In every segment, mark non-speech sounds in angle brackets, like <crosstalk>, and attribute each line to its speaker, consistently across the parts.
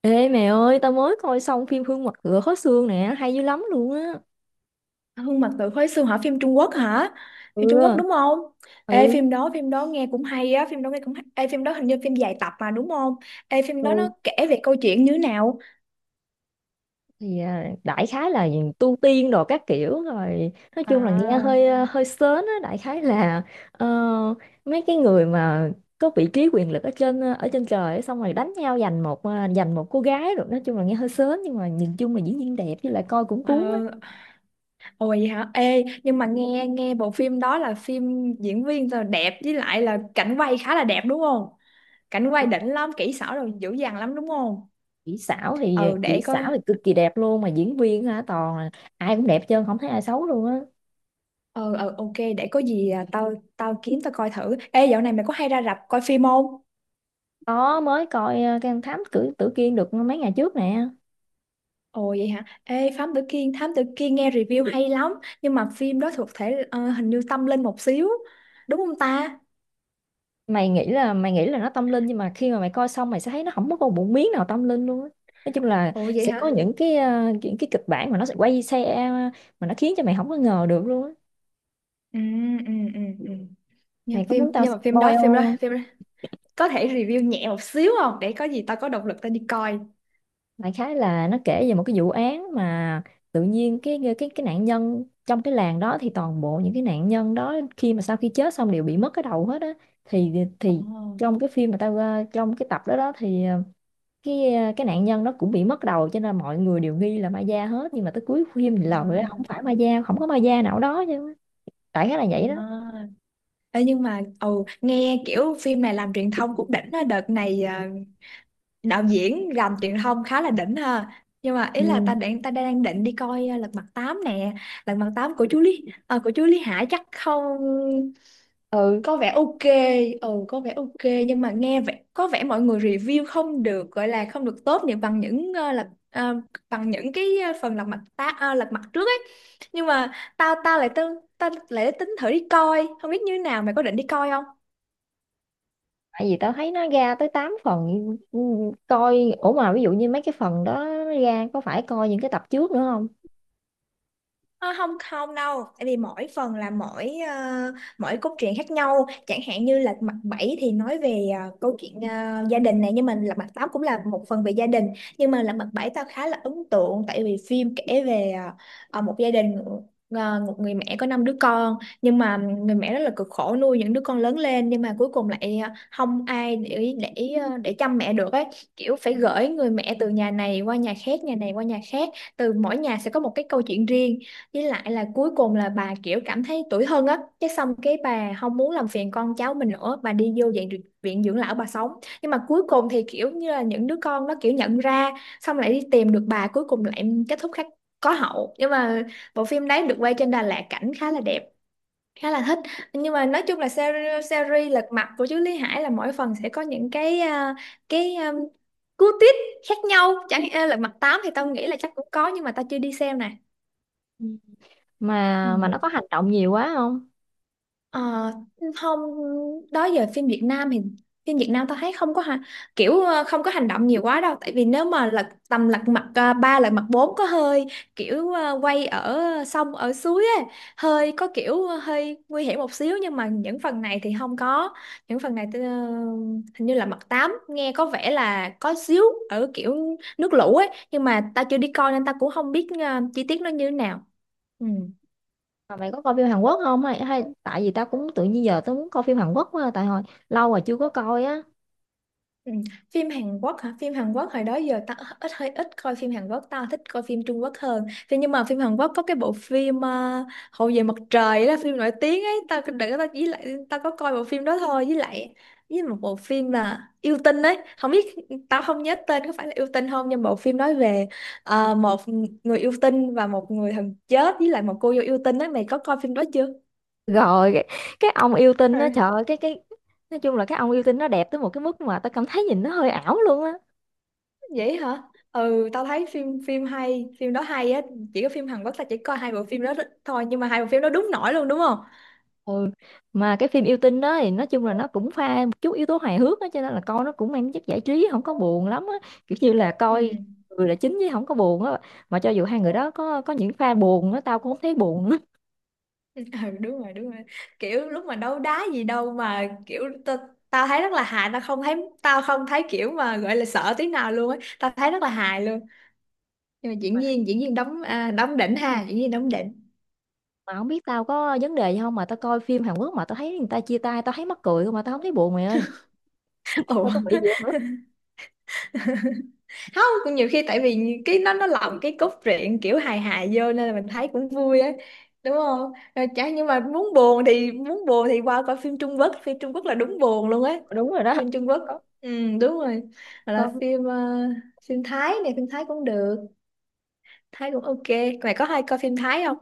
Speaker 1: Ê mẹ ơi, tao mới coi xong phim Hương Mật Ngựa Khó Xương nè, hay dữ lắm luôn á.
Speaker 2: Hương Mật Tự Khói Xương hả? Phim Trung Quốc hả? Phim Trung Quốc
Speaker 1: Ừ,
Speaker 2: đúng không? Ê,
Speaker 1: ừ,
Speaker 2: phim đó nghe cũng hay á, phim đó nghe cũng hay. Ê, phim đó hình như phim dài tập mà đúng không? Ê, phim đó nó
Speaker 1: ừ.
Speaker 2: kể về câu chuyện như thế nào?
Speaker 1: Thì đại khái là tu tiên đồ các kiểu rồi. Nói chung là nghe
Speaker 2: À.
Speaker 1: hơi sến á, đại khái là ờ, mấy cái người mà có vị trí quyền lực ở trên trời ấy, xong rồi đánh nhau giành một cô gái rồi nói chung là nghe hơi sến nhưng mà nhìn chung là diễn viên đẹp với lại coi cũng
Speaker 2: Ờ.
Speaker 1: cuốn á.
Speaker 2: Ôi vậy hả? Ê, nhưng mà nghe nghe bộ phim đó là phim diễn viên rồi đẹp với lại là cảnh quay khá là đẹp đúng không? Cảnh quay đỉnh lắm, kỹ xảo rồi dữ dằn lắm đúng không?
Speaker 1: Kỹ xảo thì
Speaker 2: Ừ,
Speaker 1: kỹ
Speaker 2: để
Speaker 1: xảo
Speaker 2: coi.
Speaker 1: thì cực kỳ đẹp luôn mà diễn viên hả toàn là ai cũng đẹp trơn không thấy ai xấu luôn á.
Speaker 2: Ờ ờ ok, để có gì, tao tao kiếm tao coi thử. Ê, dạo này mày có hay ra rạp coi phim không?
Speaker 1: Có mới coi cái con thám tử tử kiên được mấy ngày trước nè.
Speaker 2: Ồ vậy hả? Ê, Thám Tử Kiên, Thám Tử Kiên nghe review hay lắm. Nhưng mà phim đó thuộc thể, hình như tâm linh một xíu. Đúng không ta?
Speaker 1: Mày nghĩ là nó tâm linh nhưng mà khi mà mày coi xong mày sẽ thấy nó không có một miếng nào tâm linh luôn á. Nói chung là
Speaker 2: Ồ vậy
Speaker 1: sẽ có
Speaker 2: hả?
Speaker 1: những cái kịch bản mà nó sẽ quay xe mà nó khiến cho mày không có ngờ được luôn á.
Speaker 2: Ừ, ừ, ừ, ừ.
Speaker 1: Mày có muốn tao
Speaker 2: Nhưng mà phim đó,
Speaker 1: spoil
Speaker 2: phim đó,
Speaker 1: không?
Speaker 2: phim đó Có thể review nhẹ một xíu không? Để có gì tao có động lực tao đi coi.
Speaker 1: Đại khái là nó kể về một cái vụ án mà tự nhiên cái nạn nhân trong cái làng đó thì toàn bộ những cái nạn nhân đó khi mà sau khi chết xong đều bị mất cái đầu hết á. Thì thì
Speaker 2: Ồ.
Speaker 1: trong cái phim mà trong cái tập đó đó thì cái nạn nhân nó cũng bị mất đầu cho nên mọi người đều nghi là ma da hết, nhưng mà tới cuối phim thì lời á,
Speaker 2: À,
Speaker 1: không phải ma da, không có ma da nào đó chứ, đại khái là
Speaker 2: à.
Speaker 1: vậy đó.
Speaker 2: Ê, nhưng mà nghe kiểu phim này làm truyền thông cũng đỉnh á. Đợt này, đạo diễn làm truyền thông khá là đỉnh ha. Nhưng mà ý là ta
Speaker 1: Ừ,
Speaker 2: đang ta đang định đi coi Lật Mặt 8 nè. Lật Mặt 8 của chú Lý Hải chắc không?
Speaker 1: ừ.
Speaker 2: Có vẻ OK. Ừ, có vẻ OK, nhưng mà nghe vẻ có vẻ mọi người review không được, gọi là không được tốt như bằng những bằng những cái phần Lật Mặt trước ấy. Nhưng mà tao lại tính thử đi coi không biết như thế nào. Mày có định đi coi không?
Speaker 1: Tại vì tao thấy nó ra tới 8 phần. Ừ, coi ủa mà ví dụ như mấy cái phần đó nó ra có phải coi những cái tập trước nữa không?
Speaker 2: Ờ, không không đâu, tại vì mỗi phần là mỗi cốt truyện khác nhau, chẳng hạn như là mặt 7 thì nói về câu chuyện gia đình này, nhưng mà là mặt 8 cũng là một phần về gia đình. Nhưng mà là mặt 7 tao khá là ấn tượng tại vì phim kể về một gia đình, một người mẹ có năm đứa con, nhưng mà người mẹ rất là cực khổ nuôi những đứa con lớn lên, nhưng mà cuối cùng lại không ai để chăm mẹ được ấy, kiểu phải gửi người mẹ từ nhà này qua nhà khác, nhà này qua nhà khác, từ mỗi nhà sẽ có một cái câu chuyện riêng. Với lại là cuối cùng là bà kiểu cảm thấy tủi thân á. Cái xong cái bà không muốn làm phiền con cháu mình nữa. Bà đi vô viện dưỡng lão bà sống. Nhưng mà cuối cùng thì kiểu như là những đứa con nó kiểu nhận ra, xong lại đi tìm được bà, cuối cùng lại kết thúc khác, có hậu. Nhưng mà bộ phim đấy được quay trên Đà Lạt, cảnh khá là đẹp, khá là thích. Nhưng mà nói chung là series lật mặt của chú Lý Hải là mỗi phần sẽ có những cái cái um, cú twist khác nhau, chẳng à, lật mặt 8 thì tao nghĩ là chắc cũng có nhưng mà tao chưa đi xem nè.
Speaker 1: Ừ.
Speaker 2: Ừ.
Speaker 1: Mà nó có hành động nhiều quá không?
Speaker 2: Ờ, không, đó giờ phim Việt Nam thì phim Việt Nam tao thấy không có ha, kiểu không có hành động nhiều quá đâu, tại vì nếu mà lật mặt 3, lật mặt 4 có hơi kiểu quay ở sông ở suối ấy, hơi có kiểu hơi nguy hiểm một xíu, nhưng mà những phần này thì không có. Những phần này hình như là mặt 8 nghe có vẻ là có xíu ở kiểu nước lũ ấy, nhưng mà tao chưa đi coi nên tao cũng không biết chi tiết nó như thế nào. Ừ.
Speaker 1: Mà mày có coi phim Hàn Quốc không, hay tại vì tao cũng tự nhiên giờ tao muốn coi phim Hàn Quốc quá à, tại hồi lâu rồi chưa có coi á.
Speaker 2: Ừ. Phim Hàn Quốc hả? Phim Hàn Quốc hồi đó giờ ta hơi ít coi phim Hàn Quốc, ta thích coi phim Trung Quốc hơn. Thế nhưng mà phim Hàn Quốc có cái bộ phim, Hậu về mặt trời đó, phim nổi tiếng ấy, ta đừng ta chỉ lại ta có coi bộ phim đó thôi, với lại với một bộ phim là yêu tinh ấy, không biết, tao không nhớ tên có phải là yêu tinh không. Nhưng bộ phim nói về một người yêu tinh và một người thần chết với lại một cô dâu yêu tinh ấy, mày có coi phim đó chưa?
Speaker 1: Rồi cái ông yêu tinh nó trời ơi cái nói chung là cái ông yêu tinh nó đẹp tới một cái mức mà tao cảm thấy nhìn nó hơi ảo luôn á.
Speaker 2: Vậy hả? Ừ, tao thấy phim phim hay, phim đó hay á. Chỉ có phim Hàn Quốc tao chỉ coi hai bộ phim đó thôi, nhưng mà hai bộ phim đó đúng nổi luôn đúng không?
Speaker 1: Ừ, mà cái phim yêu tinh đó thì nói chung là nó cũng pha một chút yếu tố hài hước á cho nên là coi nó cũng mang chất giải trí không có buồn lắm á, kiểu như là
Speaker 2: Ừ.
Speaker 1: coi người là chính chứ không có buồn á. Mà cho dù hai người đó có những pha buồn á tao cũng không thấy buồn á.
Speaker 2: <laughs> Ừ, đúng rồi, đúng rồi. Kiểu lúc mà đấu đá gì đâu mà kiểu tao tao thấy rất là hài, tao không thấy kiểu mà gọi là sợ tí nào luôn á, tao thấy rất là hài luôn. Nhưng mà diễn viên đóng đỉnh ha, diễn viên đóng đỉnh.
Speaker 1: Mà không biết tao có vấn đề gì không mà tao coi phim Hàn Quốc mà tao thấy người ta chia tay tao thấy mắc cười không mà tao không thấy buồn mày ơi,
Speaker 2: Ồ.
Speaker 1: tao có bị gì không nữa.
Speaker 2: <laughs> Không, cũng nhiều khi tại vì cái nó lồng cái cốt truyện kiểu hài hài vô nên là mình thấy cũng vui á, đúng không? Rồi chả, nhưng mà muốn buồn thì qua coi phim Trung Quốc, phim Trung Quốc là đúng buồn luôn ấy.
Speaker 1: Đúng rồi đó.
Speaker 2: Phim Trung Quốc.
Speaker 1: Có.
Speaker 2: Ừ, đúng rồi. Hoặc là
Speaker 1: Có.
Speaker 2: phim phim Thái này, phim Thái cũng được, Thái cũng OK. Mày có hay coi phim Thái không?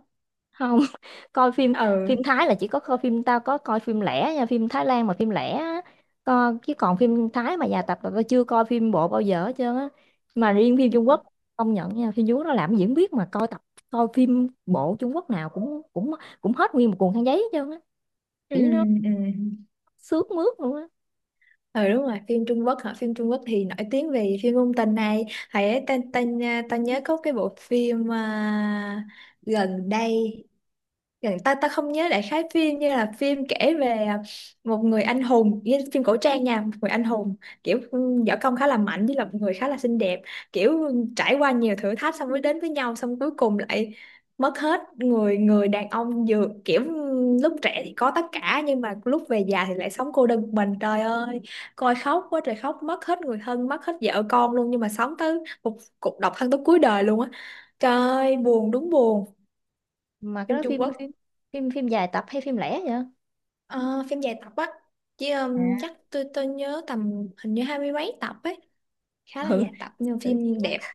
Speaker 1: Không. <laughs> coi phim Phim
Speaker 2: Ừ,
Speaker 1: Thái là chỉ có coi phim, tao có coi phim lẻ nha, phim Thái Lan mà phim lẻ á. Chứ còn phim Thái mà dài tập là tao chưa coi phim bộ bao giờ hết trơn á. Mà riêng phim Trung Quốc công nhận nha, phim Trung Quốc nó làm diễn biết mà coi tập, coi phim bộ Trung Quốc nào cũng cũng cũng hết nguyên một cuộn khăn giấy hết trơn á,
Speaker 2: ừ,
Speaker 1: kỹ nó
Speaker 2: ừ,
Speaker 1: sướt mướt luôn á.
Speaker 2: ừ, đúng rồi. Phim Trung Quốc hả? Phim Trung Quốc thì nổi tiếng về phim ngôn tình này, thầy ấy tên tên à, tao nhớ có cái bộ phim gần đây, ta ta không nhớ, đại khái phim như là phim kể về một người anh hùng, như phim cổ trang nha, một người anh hùng kiểu võ công khá là mạnh với là một người khá là xinh đẹp, kiểu trải qua nhiều thử thách xong mới đến với nhau, xong cuối cùng lại mất hết, người người đàn ông vừa kiểu lúc trẻ thì có tất cả nhưng mà lúc về già thì lại sống cô đơn một mình, trời ơi. Coi khóc quá trời, khóc mất hết người thân, mất hết vợ con luôn, nhưng mà sống tới một cuộc độc thân tới cuối đời luôn á. Trời ơi buồn, đúng buồn.
Speaker 1: Mà cái
Speaker 2: Phim
Speaker 1: đó
Speaker 2: Trung
Speaker 1: phim phim
Speaker 2: Quốc.
Speaker 1: phim phim dài tập hay phim lẻ vậy?
Speaker 2: Ờ, phim dài tập á, chứ
Speaker 1: À,
Speaker 2: chắc tôi nhớ tầm hình như hai mươi mấy tập ấy, khá là
Speaker 1: ừ.
Speaker 2: dài tập nhưng mà
Speaker 1: Tự nhiên
Speaker 2: phim đẹp.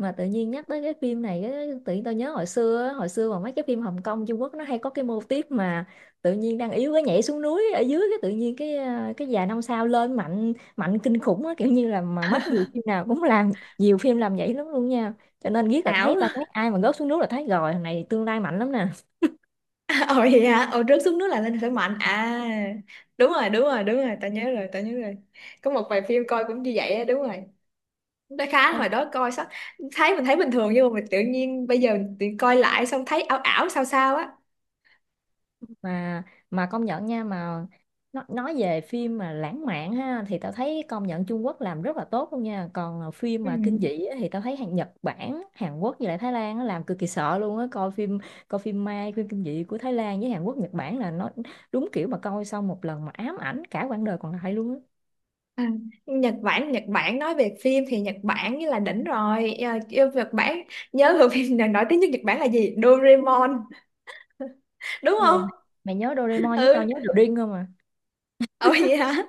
Speaker 1: mà tự nhiên nhắc tới cái phim này á, tự nhiên tao nhớ hồi xưa á, hồi xưa mà mấy cái phim Hồng Kông Trung Quốc nó hay có cái mô típ mà tự nhiên đang yếu cái nhảy xuống núi ở dưới cái tự nhiên cái già năm sao lên mạnh mạnh kinh khủng á, kiểu như là mà mắc nhiều phim nào cũng làm, nhiều phim làm vậy lắm luôn nha, cho nên biết là
Speaker 2: Ảo.
Speaker 1: thấy, tao thấy ai mà rớt xuống núi là thấy rồi thằng này tương lai mạnh lắm nè.
Speaker 2: <laughs> Ồ vậy hả? Ồ, rớt xuống nước là lên khởi mạnh à? Đúng rồi, đúng rồi, đúng rồi. Tao nhớ rồi, tao nhớ rồi. Có một vài phim coi cũng như vậy á, đúng rồi. Nó khá, hồi đó coi sao thấy bình thường, nhưng mà mình tự nhiên bây giờ mình tự coi lại xong thấy ảo ảo sao sao á.
Speaker 1: Mà mà công nhận nha, mà nó nói về phim mà lãng mạn ha thì tao thấy công nhận Trung Quốc làm rất là tốt luôn nha. Còn phim
Speaker 2: Ừ.
Speaker 1: mà kinh dị á thì tao thấy hàng Nhật Bản, Hàn Quốc với lại Thái Lan á làm cực kỳ sợ luôn á. Coi phim ma, phim kinh dị của Thái Lan với Hàn Quốc, Nhật Bản là nó đúng kiểu mà coi xong một lần mà ám ảnh cả quãng đời còn lại luôn á.
Speaker 2: À, Nhật Bản, Nhật Bản nói về phim thì Nhật Bản như là đỉnh rồi. Ờ, yêu Nhật Bản. Nhớ <laughs> bộ phim nào nổi tiếng nhất Nhật Bản là gì? Doraemon đúng
Speaker 1: Ừ.
Speaker 2: không?
Speaker 1: Mày nhớ Doraemon với tao
Speaker 2: Ừ.
Speaker 1: nhớ The Ring không à?
Speaker 2: Ồ vậy hả?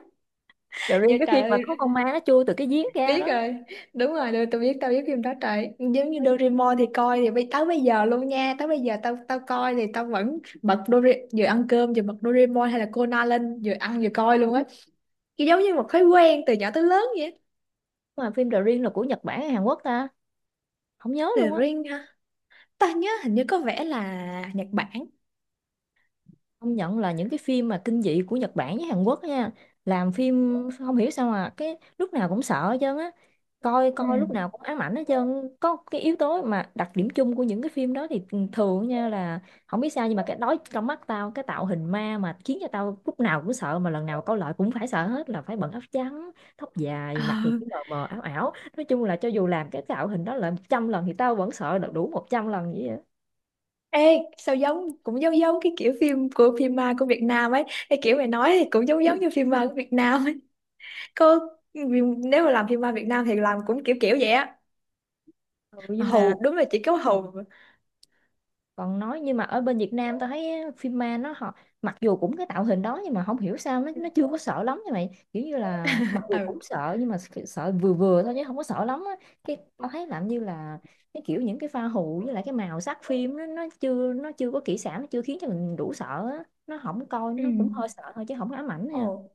Speaker 1: The
Speaker 2: Dạ,
Speaker 1: Ring cái
Speaker 2: trời
Speaker 1: phim mà
Speaker 2: ơi,
Speaker 1: có con ma nó chui từ cái giếng ra
Speaker 2: biết
Speaker 1: đó.
Speaker 2: rồi, đúng rồi, được, tôi biết, tao biết phim đó. Trời, giống như Doraemon thì coi thì tới bây giờ luôn nha, tới bây giờ tao tao coi thì tao vẫn bật Doraemon vừa ăn cơm vừa bật Doraemon hay là Conan lên, vừa ăn vừa coi luôn á. Kiểu giống như một thói quen từ nhỏ tới lớn vậy á.
Speaker 1: Mà phim The Ring là của Nhật Bản hay Hàn Quốc ta, không nhớ
Speaker 2: The
Speaker 1: luôn á.
Speaker 2: Ring ha, ta nhớ hình như có vẻ là Nhật Bản.
Speaker 1: Công nhận là những cái phim mà kinh dị của Nhật Bản với Hàn Quốc nha, làm phim không hiểu sao mà cái lúc nào cũng sợ hết trơn á, coi coi lúc
Speaker 2: Ừ.
Speaker 1: nào cũng ám ảnh hết trơn. Có cái yếu tố mà đặc điểm chung của những cái phim đó thì thường nha là không biết sao nhưng mà cái đó trong mắt tao, cái tạo hình ma mà khiến cho tao lúc nào cũng sợ mà lần nào coi lại cũng phải sợ hết là phải bận áo trắng, tóc
Speaker 2: Ờ.
Speaker 1: dài, mặt thì cứ mờ mờ ảo ảo, nói chung là cho dù làm cái tạo hình đó là 100 lần thì tao vẫn sợ được đủ 100 lần vậy á.
Speaker 2: Ê, sao giống, cũng giống giống cái kiểu phim của phim ma của Việt Nam ấy. Cái kiểu mày nói thì cũng giống giống như phim ma của Việt Nam ấy. Có, nếu mà làm phim ma Việt Nam thì làm cũng kiểu kiểu vậy á.
Speaker 1: Ừ,
Speaker 2: Mà
Speaker 1: nhưng mà
Speaker 2: hù đúng là chỉ có hù.
Speaker 1: còn nói nhưng mà ở bên Việt Nam tao thấy á, phim ma nó họ mặc dù cũng cái tạo hình đó nhưng mà không hiểu sao nó chưa có sợ lắm như mày, kiểu như là mặc dù
Speaker 2: Ừ.
Speaker 1: cũng sợ nhưng mà sợ vừa vừa thôi chứ không có sợ lắm á. Cái tao thấy làm như là cái kiểu những cái pha hù với lại cái màu sắc phim nó chưa có kỹ xảo, nó chưa khiến cho mình đủ sợ á, nó không coi
Speaker 2: Ừ.
Speaker 1: nó cũng hơi sợ thôi chứ không có ám ảnh nha.
Speaker 2: Ồ.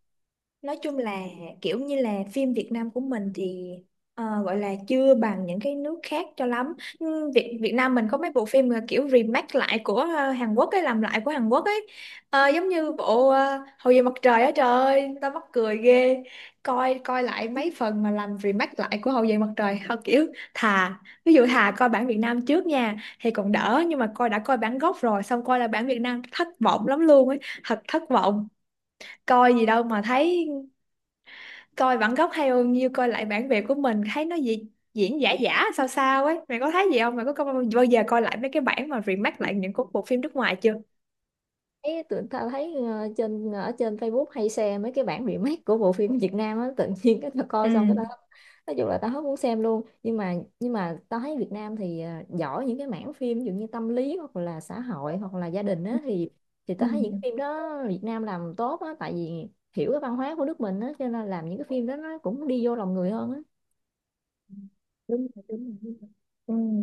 Speaker 2: Nói chung là kiểu như là phim Việt Nam của mình thì gọi là chưa bằng những cái nước khác cho lắm. Ừ, Việt Việt Nam mình có mấy bộ phim là kiểu remake lại của Hàn Quốc ấy, làm lại của Hàn Quốc ấy. Ờ, giống như bộ Hậu duệ mặt trời á, trời ơi tao mắc cười ghê. Coi coi lại mấy phần mà làm remake lại của Hậu duệ mặt trời. <laughs> Thôi kiểu, thà ví dụ thà coi bản Việt Nam trước nha thì còn đỡ, nhưng mà đã coi bản gốc rồi xong coi là bản Việt Nam thất vọng lắm luôn ấy, thật thất vọng. Coi gì đâu mà thấy, coi bản gốc hay hơn. Như coi lại bản Việt của mình thấy nó gì, diễn giả giả sao sao ấy. Mày có thấy gì không? Mày có coi bao giờ coi lại mấy cái bản mà remake lại những cái bộ phim nước ngoài chưa?
Speaker 1: Thấy tụi ta thấy ở trên Facebook hay xem mấy cái bản remake của bộ phim Việt Nam á, tự nhiên cái tao coi xong cái tao
Speaker 2: Ừ.
Speaker 1: nói chung là tao hết muốn xem luôn. Nhưng mà tao thấy Việt Nam thì giỏi những cái mảng phim ví dụ như tâm lý hoặc là xã hội hoặc là gia đình á, thì
Speaker 2: Ừ,
Speaker 1: tao thấy những cái phim đó Việt Nam làm tốt á tại vì hiểu cái văn hóa của nước mình á cho nên làm những cái phim đó nó cũng đi vô lòng người hơn á.
Speaker 2: đúng rồi, đúng rồi, đúng rồi. Ừ.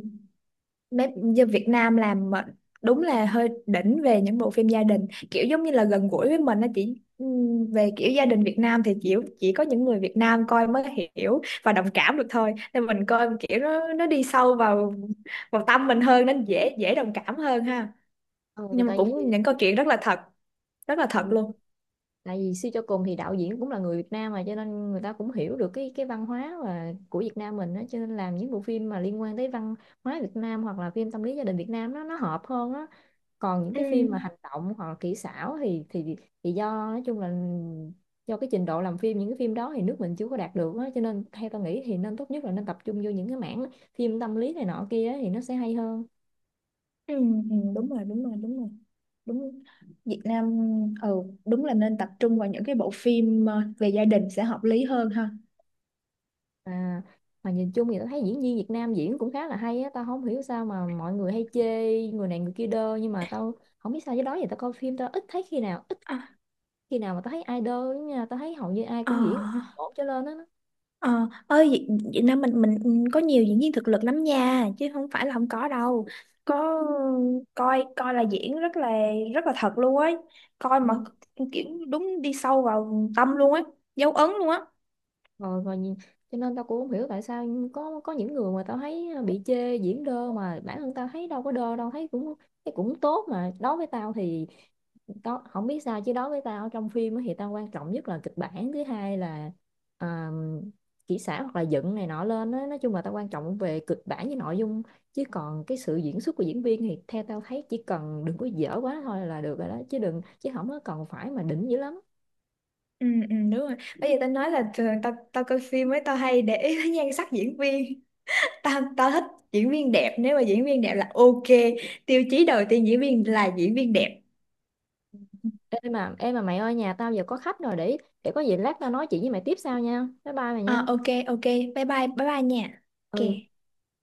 Speaker 2: Bếp như Việt Nam làm mà đúng là hơi đỉnh về những bộ phim gia đình, kiểu giống như là gần gũi với mình, nó chỉ về kiểu gia đình Việt Nam thì chỉ có những người Việt Nam coi mới hiểu và đồng cảm được thôi, nên mình coi kiểu nó đi sâu vào vào tâm mình hơn nên dễ dễ đồng cảm hơn ha.
Speaker 1: ừ,
Speaker 2: Nhưng mà
Speaker 1: tại
Speaker 2: cũng
Speaker 1: vì
Speaker 2: những câu chuyện rất là thật, rất là
Speaker 1: ừ,
Speaker 2: thật luôn.
Speaker 1: tại vì suy cho cùng thì đạo diễn cũng là người Việt Nam mà cho nên người ta cũng hiểu được cái văn hóa và của Việt Nam mình đó, cho nên làm những bộ phim mà liên quan tới văn hóa Việt Nam hoặc là phim tâm lý gia đình Việt Nam nó hợp hơn á. Còn những
Speaker 2: Ừ,
Speaker 1: cái phim mà hành động hoặc là kỹ xảo thì do nói chung là do cái trình độ làm phim những cái phim đó thì nước mình chưa có đạt được á, cho nên theo tao nghĩ thì nên tốt nhất là nên tập trung vô những cái mảng phim tâm lý này nọ kia á, thì nó sẽ hay hơn.
Speaker 2: ừ, ừ, đúng rồi, đúng rồi, đúng rồi, đúng. Việt Nam, ừ, đúng là nên tập trung vào những cái bộ phim về gia đình sẽ hợp lý hơn ha.
Speaker 1: À, mà nhìn chung thì tôi thấy diễn viên Việt Nam diễn cũng khá là hay á, tao không hiểu sao mà mọi người hay chê người này người kia đơ, nhưng mà tao không biết sao, với đó giờ tao coi phim tao ít khi nào mà tao thấy ai đơ lắm nha, tao thấy hầu như ai
Speaker 2: Ờ,
Speaker 1: cũng diễn ổn trở lên á.
Speaker 2: ờ, ơi Việt, Việt Nam mình, có nhiều diễn viên thực lực lắm nha, chứ không phải là không có đâu. Có, coi coi là diễn rất là thật luôn ấy. Coi
Speaker 1: Ừ.
Speaker 2: mà kiểu đúng đi sâu vào tâm luôn ấy, dấu ấn luôn á.
Speaker 1: Rồi, rồi. Cho nên tao cũng không hiểu tại sao có những người mà tao thấy bị chê diễn đơ mà bản thân tao thấy đâu có đơ đâu, thấy cũng tốt mà. Đối với tao thì đó không biết sao chứ, đối với tao trong phim á thì tao quan trọng nhất là kịch bản, thứ hai là à, kỹ xảo hoặc là dựng này nọ lên á, nói chung là tao quan trọng về kịch bản với nội dung chứ còn cái sự diễn xuất của diễn viên thì theo tao thấy chỉ cần đừng có dở quá thôi là được rồi đó, chứ đừng, chứ không có cần phải mà đỉnh dữ lắm.
Speaker 2: Ừ, ừ, đúng rồi. Bây giờ tao nói là thường tao tao coi phim ấy tao hay để <laughs> ý tới nhan sắc diễn viên. Tao tao thích diễn viên đẹp, nếu mà diễn viên đẹp là OK. Tiêu chí đầu tiên diễn viên là diễn viên đẹp.
Speaker 1: Em mà mày ơi, nhà tao giờ có khách rồi, để có gì lát tao nói chuyện với mày tiếp sau nha, bye bye mày
Speaker 2: Ờ,
Speaker 1: nha.
Speaker 2: OK, OK, bye bye, bye bye nha.
Speaker 1: Ừ.
Speaker 2: OK.